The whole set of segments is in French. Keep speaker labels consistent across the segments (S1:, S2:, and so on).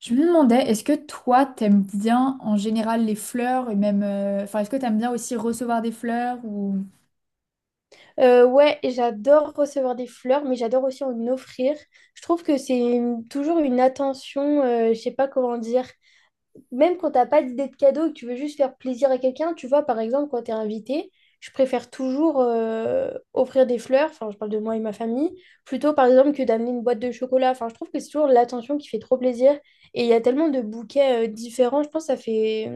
S1: Je me demandais, est-ce que toi, t'aimes bien en général les fleurs et même, enfin, est-ce que t'aimes bien aussi recevoir des fleurs ou.
S2: Ouais, et j'adore recevoir des fleurs, mais j'adore aussi en offrir. Je trouve que c'est toujours une attention, je sais pas comment dire. Même quand t'as pas d'idée de cadeau et que tu veux juste faire plaisir à quelqu'un, tu vois, par exemple, quand t'es invité, je préfère toujours offrir des fleurs, enfin, je parle de moi et ma famille, plutôt par exemple que d'amener une boîte de chocolat. Enfin, je trouve que c'est toujours l'attention qui fait trop plaisir. Et il y a tellement de bouquets différents, je pense que ça fait.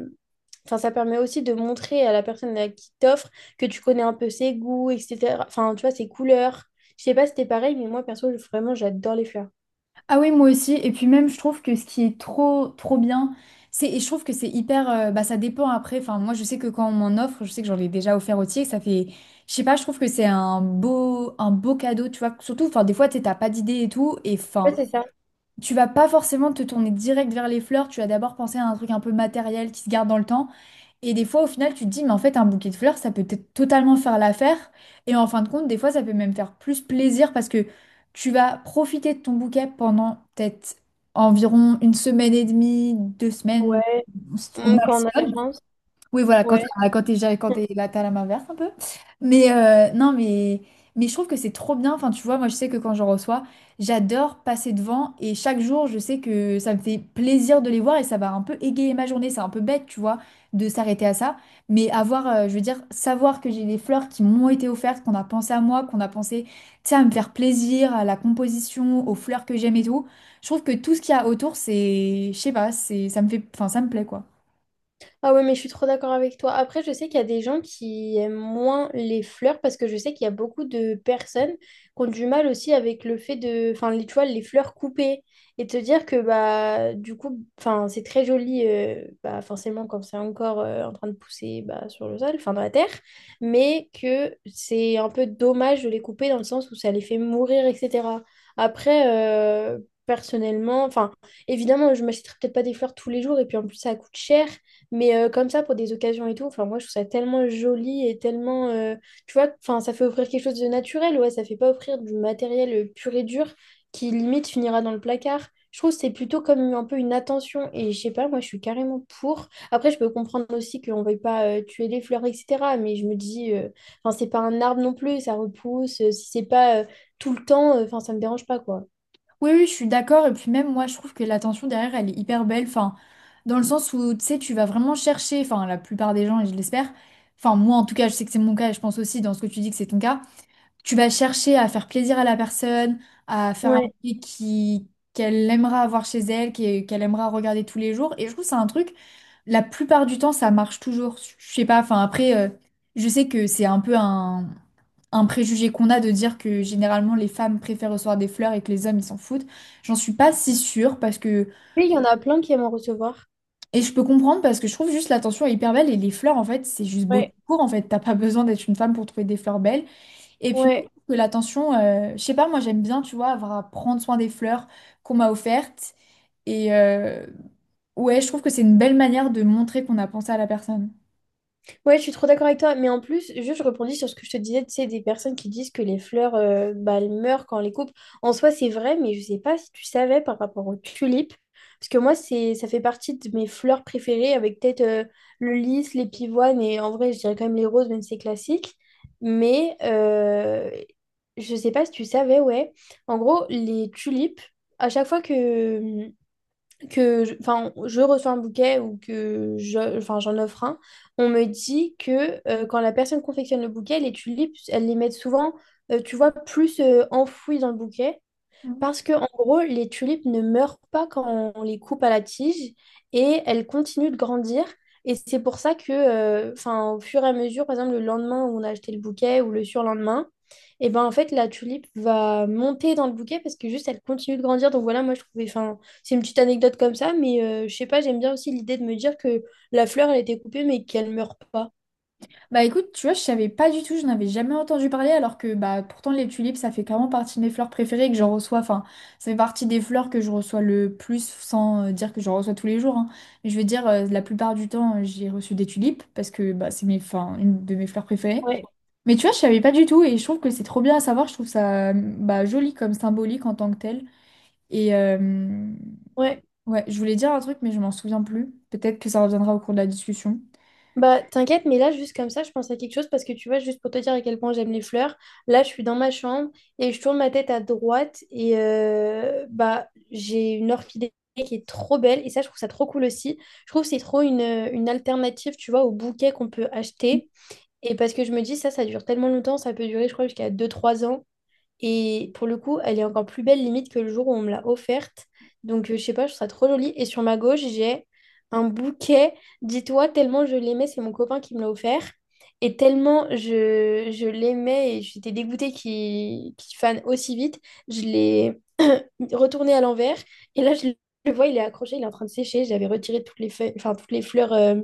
S2: Enfin, ça permet aussi de montrer à la personne à qui t'offre que tu connais un peu ses goûts, etc. Enfin, tu vois, ses couleurs. Je sais pas si c'était pareil, mais moi, perso, vraiment, j'adore les fleurs.
S1: Ah oui, moi aussi. Et puis même, je trouve que ce qui est trop, trop bien, c'est, et je trouve que c'est hyper, bah, ça dépend après. Enfin, moi, je sais que quand on m'en offre, je sais que j'en ai déjà offert aussi, et que ça fait, je sais pas, je trouve que c'est un beau cadeau, tu vois. Surtout, enfin, des fois, t'as pas d'idée et tout, et
S2: Ouais,
S1: enfin.
S2: c'est ça.
S1: Tu vas pas forcément te tourner direct vers les fleurs, tu vas d'abord penser à un truc un peu matériel qui se garde dans le temps. Et des fois, au final, tu te dis, mais en fait, un bouquet de fleurs, ça peut peut-être totalement faire l'affaire. Et en fin de compte, des fois, ça peut même faire plus plaisir parce que tu vas profiter de ton bouquet pendant peut-être environ une semaine et demie, 2 semaines
S2: Ouais.
S1: au
S2: Mm, quand on a de la
S1: maximum.
S2: chance.
S1: Oui, voilà,
S2: Ouais.
S1: quand t'es là, t'as la main verte un peu. Mais non, mais, je trouve que c'est trop bien. Enfin, tu vois, moi, je sais que quand j'en reçois, j'adore passer devant. Et chaque jour, je sais que ça me fait plaisir de les voir et ça va un peu égayer ma journée. C'est un peu bête, tu vois, de s'arrêter à ça. Mais avoir, je veux dire, savoir que j'ai des fleurs qui m'ont été offertes, qu'on a pensé à moi, qu'on a pensé, tu sais, à me faire plaisir, à la composition, aux fleurs que j'aime et tout. Je trouve que tout ce qu'il y a autour, c'est, je sais pas, c'est, ça me fait, enfin, ça me plaît, quoi.
S2: Ah ouais, mais je suis trop d'accord avec toi. Après, je sais qu'il y a des gens qui aiment moins les fleurs parce que je sais qu'il y a beaucoup de personnes qui ont du mal aussi avec le fait de, enfin, les, tu vois, les fleurs coupées et te dire que bah du coup, enfin, c'est très joli, bah forcément quand c'est encore en train de pousser bah, sur le sol, enfin dans la terre, mais que c'est un peu dommage de les couper dans le sens où ça les fait mourir, etc. Après, euh, personnellement, enfin, évidemment, je m'achèterai peut-être pas des fleurs tous les jours et puis en plus ça coûte cher. Mais comme ça, pour des occasions et tout, enfin, moi, je trouve ça tellement joli et tellement. Tu vois, enfin, ça fait offrir quelque chose de naturel, ouais, ça fait pas offrir du matériel pur et dur qui limite finira dans le placard. Je trouve que c'est plutôt comme un peu une attention et je sais pas, moi, je suis carrément pour. Après, je peux comprendre aussi qu'on veuille pas tuer les fleurs, etc. Mais je me dis, enfin, c'est pas un arbre non plus, ça repousse. Si c'est pas tout le temps, enfin, ça me dérange pas, quoi.
S1: Oui, oui, je suis d'accord. Et puis même moi, je trouve que l'attention derrière, elle est hyper belle. Enfin, dans le sens où, tu sais, tu vas vraiment chercher, enfin, la plupart des gens, et je l'espère, enfin, moi en tout cas, je sais que c'est mon cas, et je pense aussi dans ce que tu dis que c'est ton cas, tu vas chercher à faire plaisir à la personne, à faire un
S2: Ouais.
S1: truc qui, qu'elle aimera avoir chez elle, qui- qu'elle aimera regarder tous les jours. Et je trouve que c'est un truc, la plupart du temps, ça marche toujours. Je sais pas, enfin, après, je sais que c'est un peu un préjugé qu'on a de dire que généralement les femmes préfèrent recevoir des fleurs et que les hommes ils s'en foutent. J'en suis pas si sûre parce que
S2: Mais il y en a plein qui aiment en recevoir.
S1: et je peux comprendre parce que je trouve juste l'attention est hyper belle et les fleurs en fait c'est juste beau tout
S2: Ouais,
S1: court en fait t'as pas besoin d'être une femme pour trouver des fleurs belles et puis même
S2: ouais.
S1: que l'attention je sais pas moi j'aime bien tu vois avoir à prendre soin des fleurs qu'on m'a offertes et ouais je trouve que c'est une belle manière de montrer qu'on a pensé à la personne.
S2: Ouais, je suis trop d'accord avec toi, mais en plus, juste je rebondis sur ce que je te disais, tu sais, des personnes qui disent que les fleurs, bah, elles meurent quand on les coupe. En soi, c'est vrai, mais je sais pas si tu savais par rapport aux tulipes, parce que moi, c'est, ça fait partie de mes fleurs préférées, avec peut-être le lys, les pivoines, et en vrai, je dirais quand même les roses, même si c'est classique. Mais je sais pas si tu savais, ouais. En gros, les tulipes, à chaque fois que, enfin, je reçois un bouquet ou que je, enfin, j'en offre un, on me dit que quand la personne confectionne le bouquet, les tulipes, elles les mettent souvent, tu vois, plus enfouies dans le bouquet parce que, en gros, les tulipes ne meurent pas quand on les coupe à la tige et elles continuent de grandir. Et c'est pour ça que, enfin, au fur et à mesure, par exemple, le lendemain où on a acheté le bouquet ou le surlendemain, et ben en fait, la tulipe va monter dans le bouquet parce que juste elle continue de grandir. Donc voilà, moi je trouvais, enfin, c'est une petite anecdote comme ça, mais je sais pas, j'aime bien aussi l'idée de me dire que la fleur, elle a été coupée mais qu'elle meurt pas.
S1: Bah écoute, tu vois, je savais pas du tout, je n'avais jamais entendu parler, alors que bah pourtant les tulipes, ça fait clairement partie de mes fleurs préférées et que j'en reçois, enfin, ça fait partie des fleurs que je reçois le plus, sans dire que j'en reçois tous les jours, hein. Mais je veux dire, la plupart du temps, j'ai reçu des tulipes, parce que bah c'est mes, enfin, une de mes fleurs préférées.
S2: Ouais,
S1: Mais tu vois, je savais pas du tout, et je trouve que c'est trop bien à savoir, je trouve ça bah, joli comme symbolique en tant que tel. Et
S2: ouais.
S1: ouais, je voulais dire un truc, mais je m'en souviens plus. Peut-être que ça reviendra au cours de la discussion.
S2: Bah, t'inquiète, mais là, juste comme ça, je pense à quelque chose parce que tu vois, juste pour te dire à quel point j'aime les fleurs, là, je suis dans ma chambre et je tourne ma tête à droite et bah, j'ai une orchidée qui est trop belle et ça, je trouve ça trop cool aussi. Je trouve que c'est trop une alternative, tu vois, au bouquet qu'on peut acheter. Et parce que je me dis, ça dure tellement longtemps, ça peut durer, je crois, jusqu'à 2 3 ans. Et pour le coup, elle est encore plus belle limite que le jour où on me l'a offerte. Donc, je sais pas, je trouve ça trop joli. Et sur ma gauche, j'ai un bouquet. Dis-toi, tellement je l'aimais, c'est mon copain qui me l'a offert. Et tellement je l'aimais et j'étais dégoûtée qu'il fane aussi vite, je l'ai retourné à l'envers. Et là, je le vois, il est accroché, il est en train de sécher. J'avais retiré toutes les feuilles, enfin, toutes les fleurs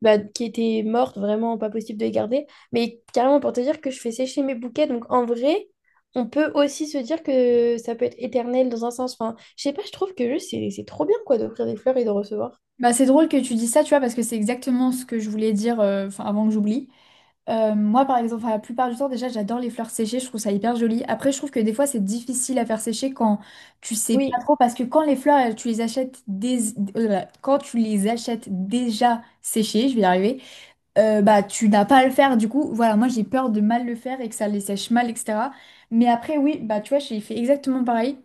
S2: bah, qui étaient mortes, vraiment pas possible de les garder. Mais carrément, pour te dire que je fais sécher mes bouquets. Donc, en vrai, on peut aussi se dire que ça peut être éternel dans un sens. Enfin, je sais pas, je trouve que juste, c'est trop bien, quoi, d'offrir des fleurs et de recevoir.
S1: Bah, c'est drôle que tu dis ça, tu vois, parce que c'est exactement ce que je voulais dire enfin, avant que j'oublie. Moi, par exemple, enfin, la plupart du temps, déjà, j'adore les fleurs séchées, je trouve ça hyper joli. Après, je trouve que des fois, c'est difficile à faire sécher quand tu sais pas
S2: Oui,
S1: trop, parce que quand les fleurs, elles, tu les achètes là, quand tu les achètes déjà séchées, je vais y arriver, bah, tu n'as pas à le faire. Du coup, voilà, moi, j'ai peur de mal le faire et que ça les sèche mal, etc. Mais après, oui, bah, tu vois, j'ai fait exactement pareil.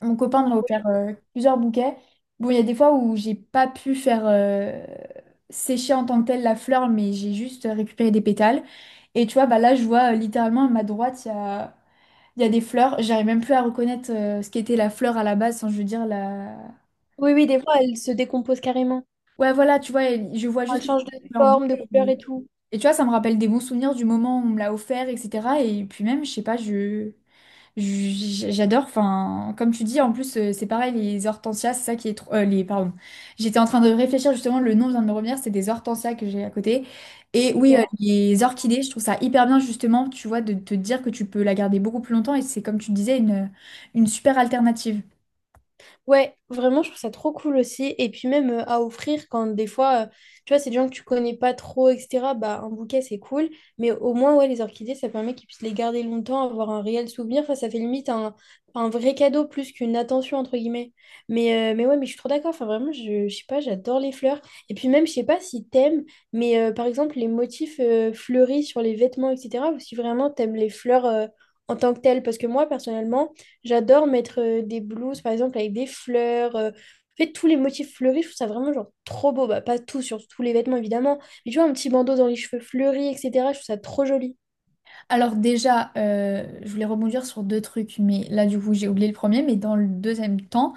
S1: Mon copain m'a offert plusieurs bouquets. Bon, il y a des fois où j'ai pas pu faire sécher en tant que telle la fleur, mais j'ai juste récupéré des pétales. Et tu vois, bah là, je vois littéralement à ma droite, il y a des fleurs. J'arrive même plus à reconnaître ce qu'était la fleur à la base, sans je veux dire la.
S2: oui, oui, des fois, elles se décomposent carrément.
S1: Ouais, voilà, tu vois, elle- je vois
S2: Elles
S1: juste que c'est
S2: changent de
S1: une fleur
S2: forme, de
S1: bouquet.
S2: couleur et tout.
S1: Et tu vois, ça me rappelle des bons souvenirs du moment où on me l'a offert, etc. Et puis même, je sais pas, je. J'adore, enfin, comme tu dis, en plus, c'est pareil, les hortensias, c'est ça qui est trop. Pardon. J'étais en train de réfléchir justement, le nom vient de me revenir, c'est des hortensias que j'ai à côté. Et
S2: Donc,
S1: oui, les orchidées, je trouve ça hyper bien justement, tu vois, de te dire que tu peux la garder beaucoup plus longtemps et c'est comme tu disais, une super alternative.
S2: ouais, vraiment, je trouve ça trop cool aussi. Et puis même à offrir quand des fois, tu vois, c'est des gens que tu connais pas trop, etc. Bah, un bouquet, c'est cool. Mais au moins, ouais, les orchidées, ça permet qu'ils puissent les garder longtemps, avoir un réel souvenir. Enfin, ça fait limite un vrai cadeau plus qu'une attention, entre guillemets. Mais, ouais, mais je suis trop d'accord. Enfin, vraiment, je sais pas, j'adore les fleurs. Et puis même, je sais pas si t'aimes, mais par exemple, les motifs fleuris sur les vêtements, etc. Ou si vraiment t'aimes les fleurs en tant que telles. Parce que moi, personnellement, j'adore mettre des blouses, par exemple, avec des fleurs. En fait, tous les motifs fleuris, je trouve ça vraiment genre trop beau. Bah, pas tout, sur tous les vêtements, évidemment. Mais tu vois, un petit bandeau dans les cheveux fleuris, etc. Je trouve ça trop joli.
S1: Alors, déjà, je voulais rebondir sur deux trucs, mais là, du coup, j'ai oublié le premier, mais dans le deuxième temps.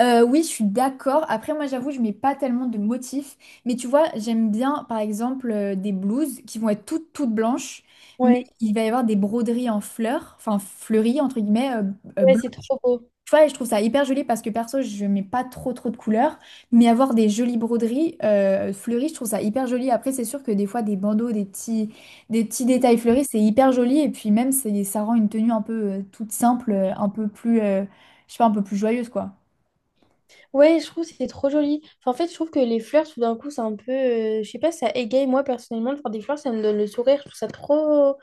S1: Oui, je suis d'accord. Après, moi, j'avoue, je mets pas tellement de motifs. Mais tu vois, j'aime bien, par exemple, des blouses qui vont être toutes, toutes blanches, mais
S2: Ouais.
S1: il va y avoir des broderies en fleurs, enfin fleuries, entre guillemets,
S2: Ouais, c'est
S1: blanches.
S2: trop beau.
S1: Tu vois, et je trouve ça hyper joli parce que perso, je mets pas trop, trop de couleurs. Mais avoir des jolies broderies fleuries, je trouve ça hyper joli. Après, c'est sûr que des fois, des bandeaux, des petits détails fleuris, c'est hyper joli. Et puis même, c'est- ça rend une tenue un peu toute simple, un peu plus, je sais pas, un peu plus joyeuse, quoi.
S2: Ouais, je trouve que c'est trop joli. Enfin, en fait, je trouve que les fleurs, tout d'un coup, c'est un peu... je sais pas, ça égaye. Moi, personnellement, de faire des fleurs, ça me donne le sourire. Je trouve ça trop...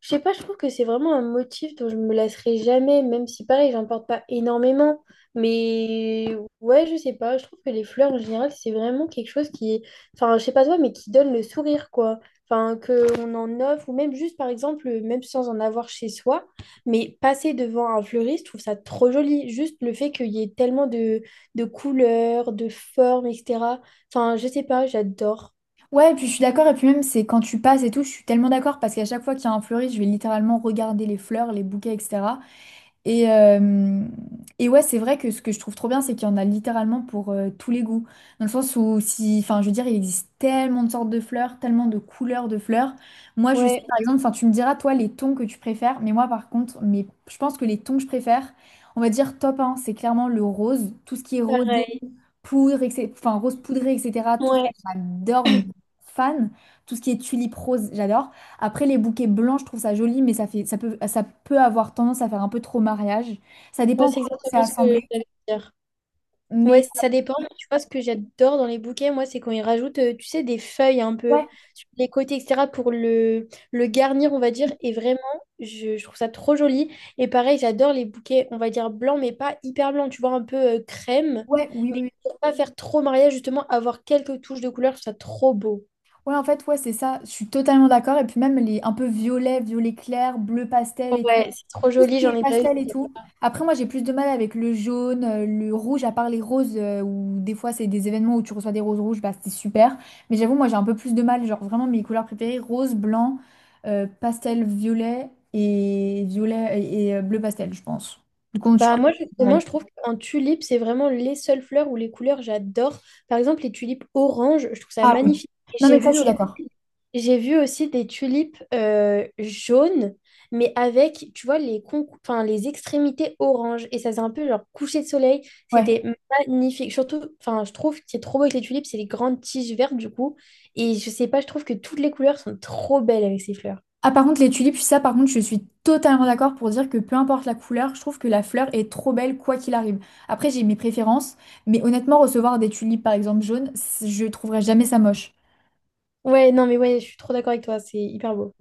S2: Je sais pas, je trouve que c'est vraiment un motif dont je me lasserai jamais, même si pareil, j'en porte pas énormément. Mais ouais, je sais pas, je trouve que les fleurs en général, c'est vraiment quelque chose qui, enfin, je sais pas toi, mais qui donne le sourire, quoi. Enfin, qu'on en offre, ou même juste, par exemple, même sans en avoir chez soi, mais passer devant un fleuriste, je trouve ça trop joli. Juste le fait qu'il y ait tellement de couleurs, de formes, etc. Enfin, je sais pas, j'adore.
S1: Ouais, et puis je suis d'accord, et puis même c'est quand tu passes et tout, je suis tellement d'accord parce qu'à chaque fois qu'il y a un fleuriste, je vais littéralement regarder les fleurs, les bouquets, etc. Et, euh, et ouais, c'est vrai que ce que je trouve trop bien, c'est qu'il y en a littéralement pour tous les goûts. Dans le sens où, si, enfin, je veux dire, il existe tellement de sortes de fleurs, tellement de couleurs de fleurs. Moi, je sais,
S2: Ouais,
S1: par exemple, enfin, tu me diras, toi, les tons que tu préfères. Mais moi, par contre, mais je pense que les tons que je préfère, on va dire top 1, c'est clairement le rose. Tout ce qui est rosé,
S2: pareil.
S1: poudre, etc., enfin, rose poudrée, etc., tout ça,
S2: Ouais,
S1: j'adore, mais fan. Tout ce qui est tulipe rose, j'adore. Après, les bouquets blancs, je trouve ça joli, mais ça fait, ça peut avoir tendance à faire un peu trop mariage. Ça
S2: ouais,
S1: dépend
S2: c'est
S1: comment c'est
S2: exactement ce que
S1: assemblé.
S2: j'allais dire.
S1: Mais
S2: Ouais, ça dépend. Mais tu vois, ce que j'adore dans les bouquets, moi, c'est quand ils rajoutent, tu sais, des feuilles un peu
S1: ouais,
S2: sur les côtés, etc., pour le garnir, on va dire. Et vraiment, je trouve ça trop joli. Et pareil, j'adore les bouquets, on va dire blancs, mais pas hyper blancs, tu vois, un peu crème.
S1: ouais, oui,
S2: Mais
S1: oui. Oui.
S2: pour pas faire trop mariage, justement, avoir quelques touches de couleur, je trouve ça trop beau.
S1: Ouais, en fait, ouais, c'est ça. Je suis totalement d'accord. Et puis même les un peu violet, violet clair, bleu pastel et tout
S2: Ouais, c'est trop
S1: ce
S2: joli,
S1: qui
S2: j'en
S1: est
S2: ai déjà eu.
S1: pastel et tout. Après, moi, j'ai plus de mal avec le jaune, le rouge, à part les roses, où des fois, c'est des événements où tu reçois des roses rouges, bah, c'est super. Mais j'avoue, moi, j'ai un peu plus de mal. Genre, vraiment, mes couleurs préférées, rose, blanc, pastel, violet et violet et, bleu pastel, je pense. Du coup, je
S2: Bah
S1: pense que
S2: moi
S1: c'est
S2: justement
S1: pareil.
S2: je trouve qu'en tulipe c'est vraiment les seules fleurs où les couleurs j'adore. Par exemple les tulipes orange, je trouve ça
S1: Ah oui.
S2: magnifique. Et
S1: Non,
S2: j'ai
S1: mais ça, je
S2: vu
S1: suis d'accord.
S2: aussi, j'ai vu aussi des tulipes jaunes mais avec tu vois enfin les extrémités orange et ça faisait un peu genre coucher de soleil,
S1: Ouais.
S2: c'était magnifique. Surtout enfin je trouve que c'est trop beau avec les tulipes, c'est les grandes tiges vertes du coup et je sais pas, je trouve que toutes les couleurs sont trop belles avec ces fleurs.
S1: Ah par contre les tulipes, ça par contre je suis totalement d'accord pour dire que peu importe la couleur, je trouve que la fleur est trop belle quoi qu'il arrive. Après j'ai mes préférences, mais honnêtement recevoir des tulipes par exemple jaunes, je trouverais jamais ça moche.
S2: Ouais, non mais ouais, je suis trop d'accord avec toi, c'est hyper beau.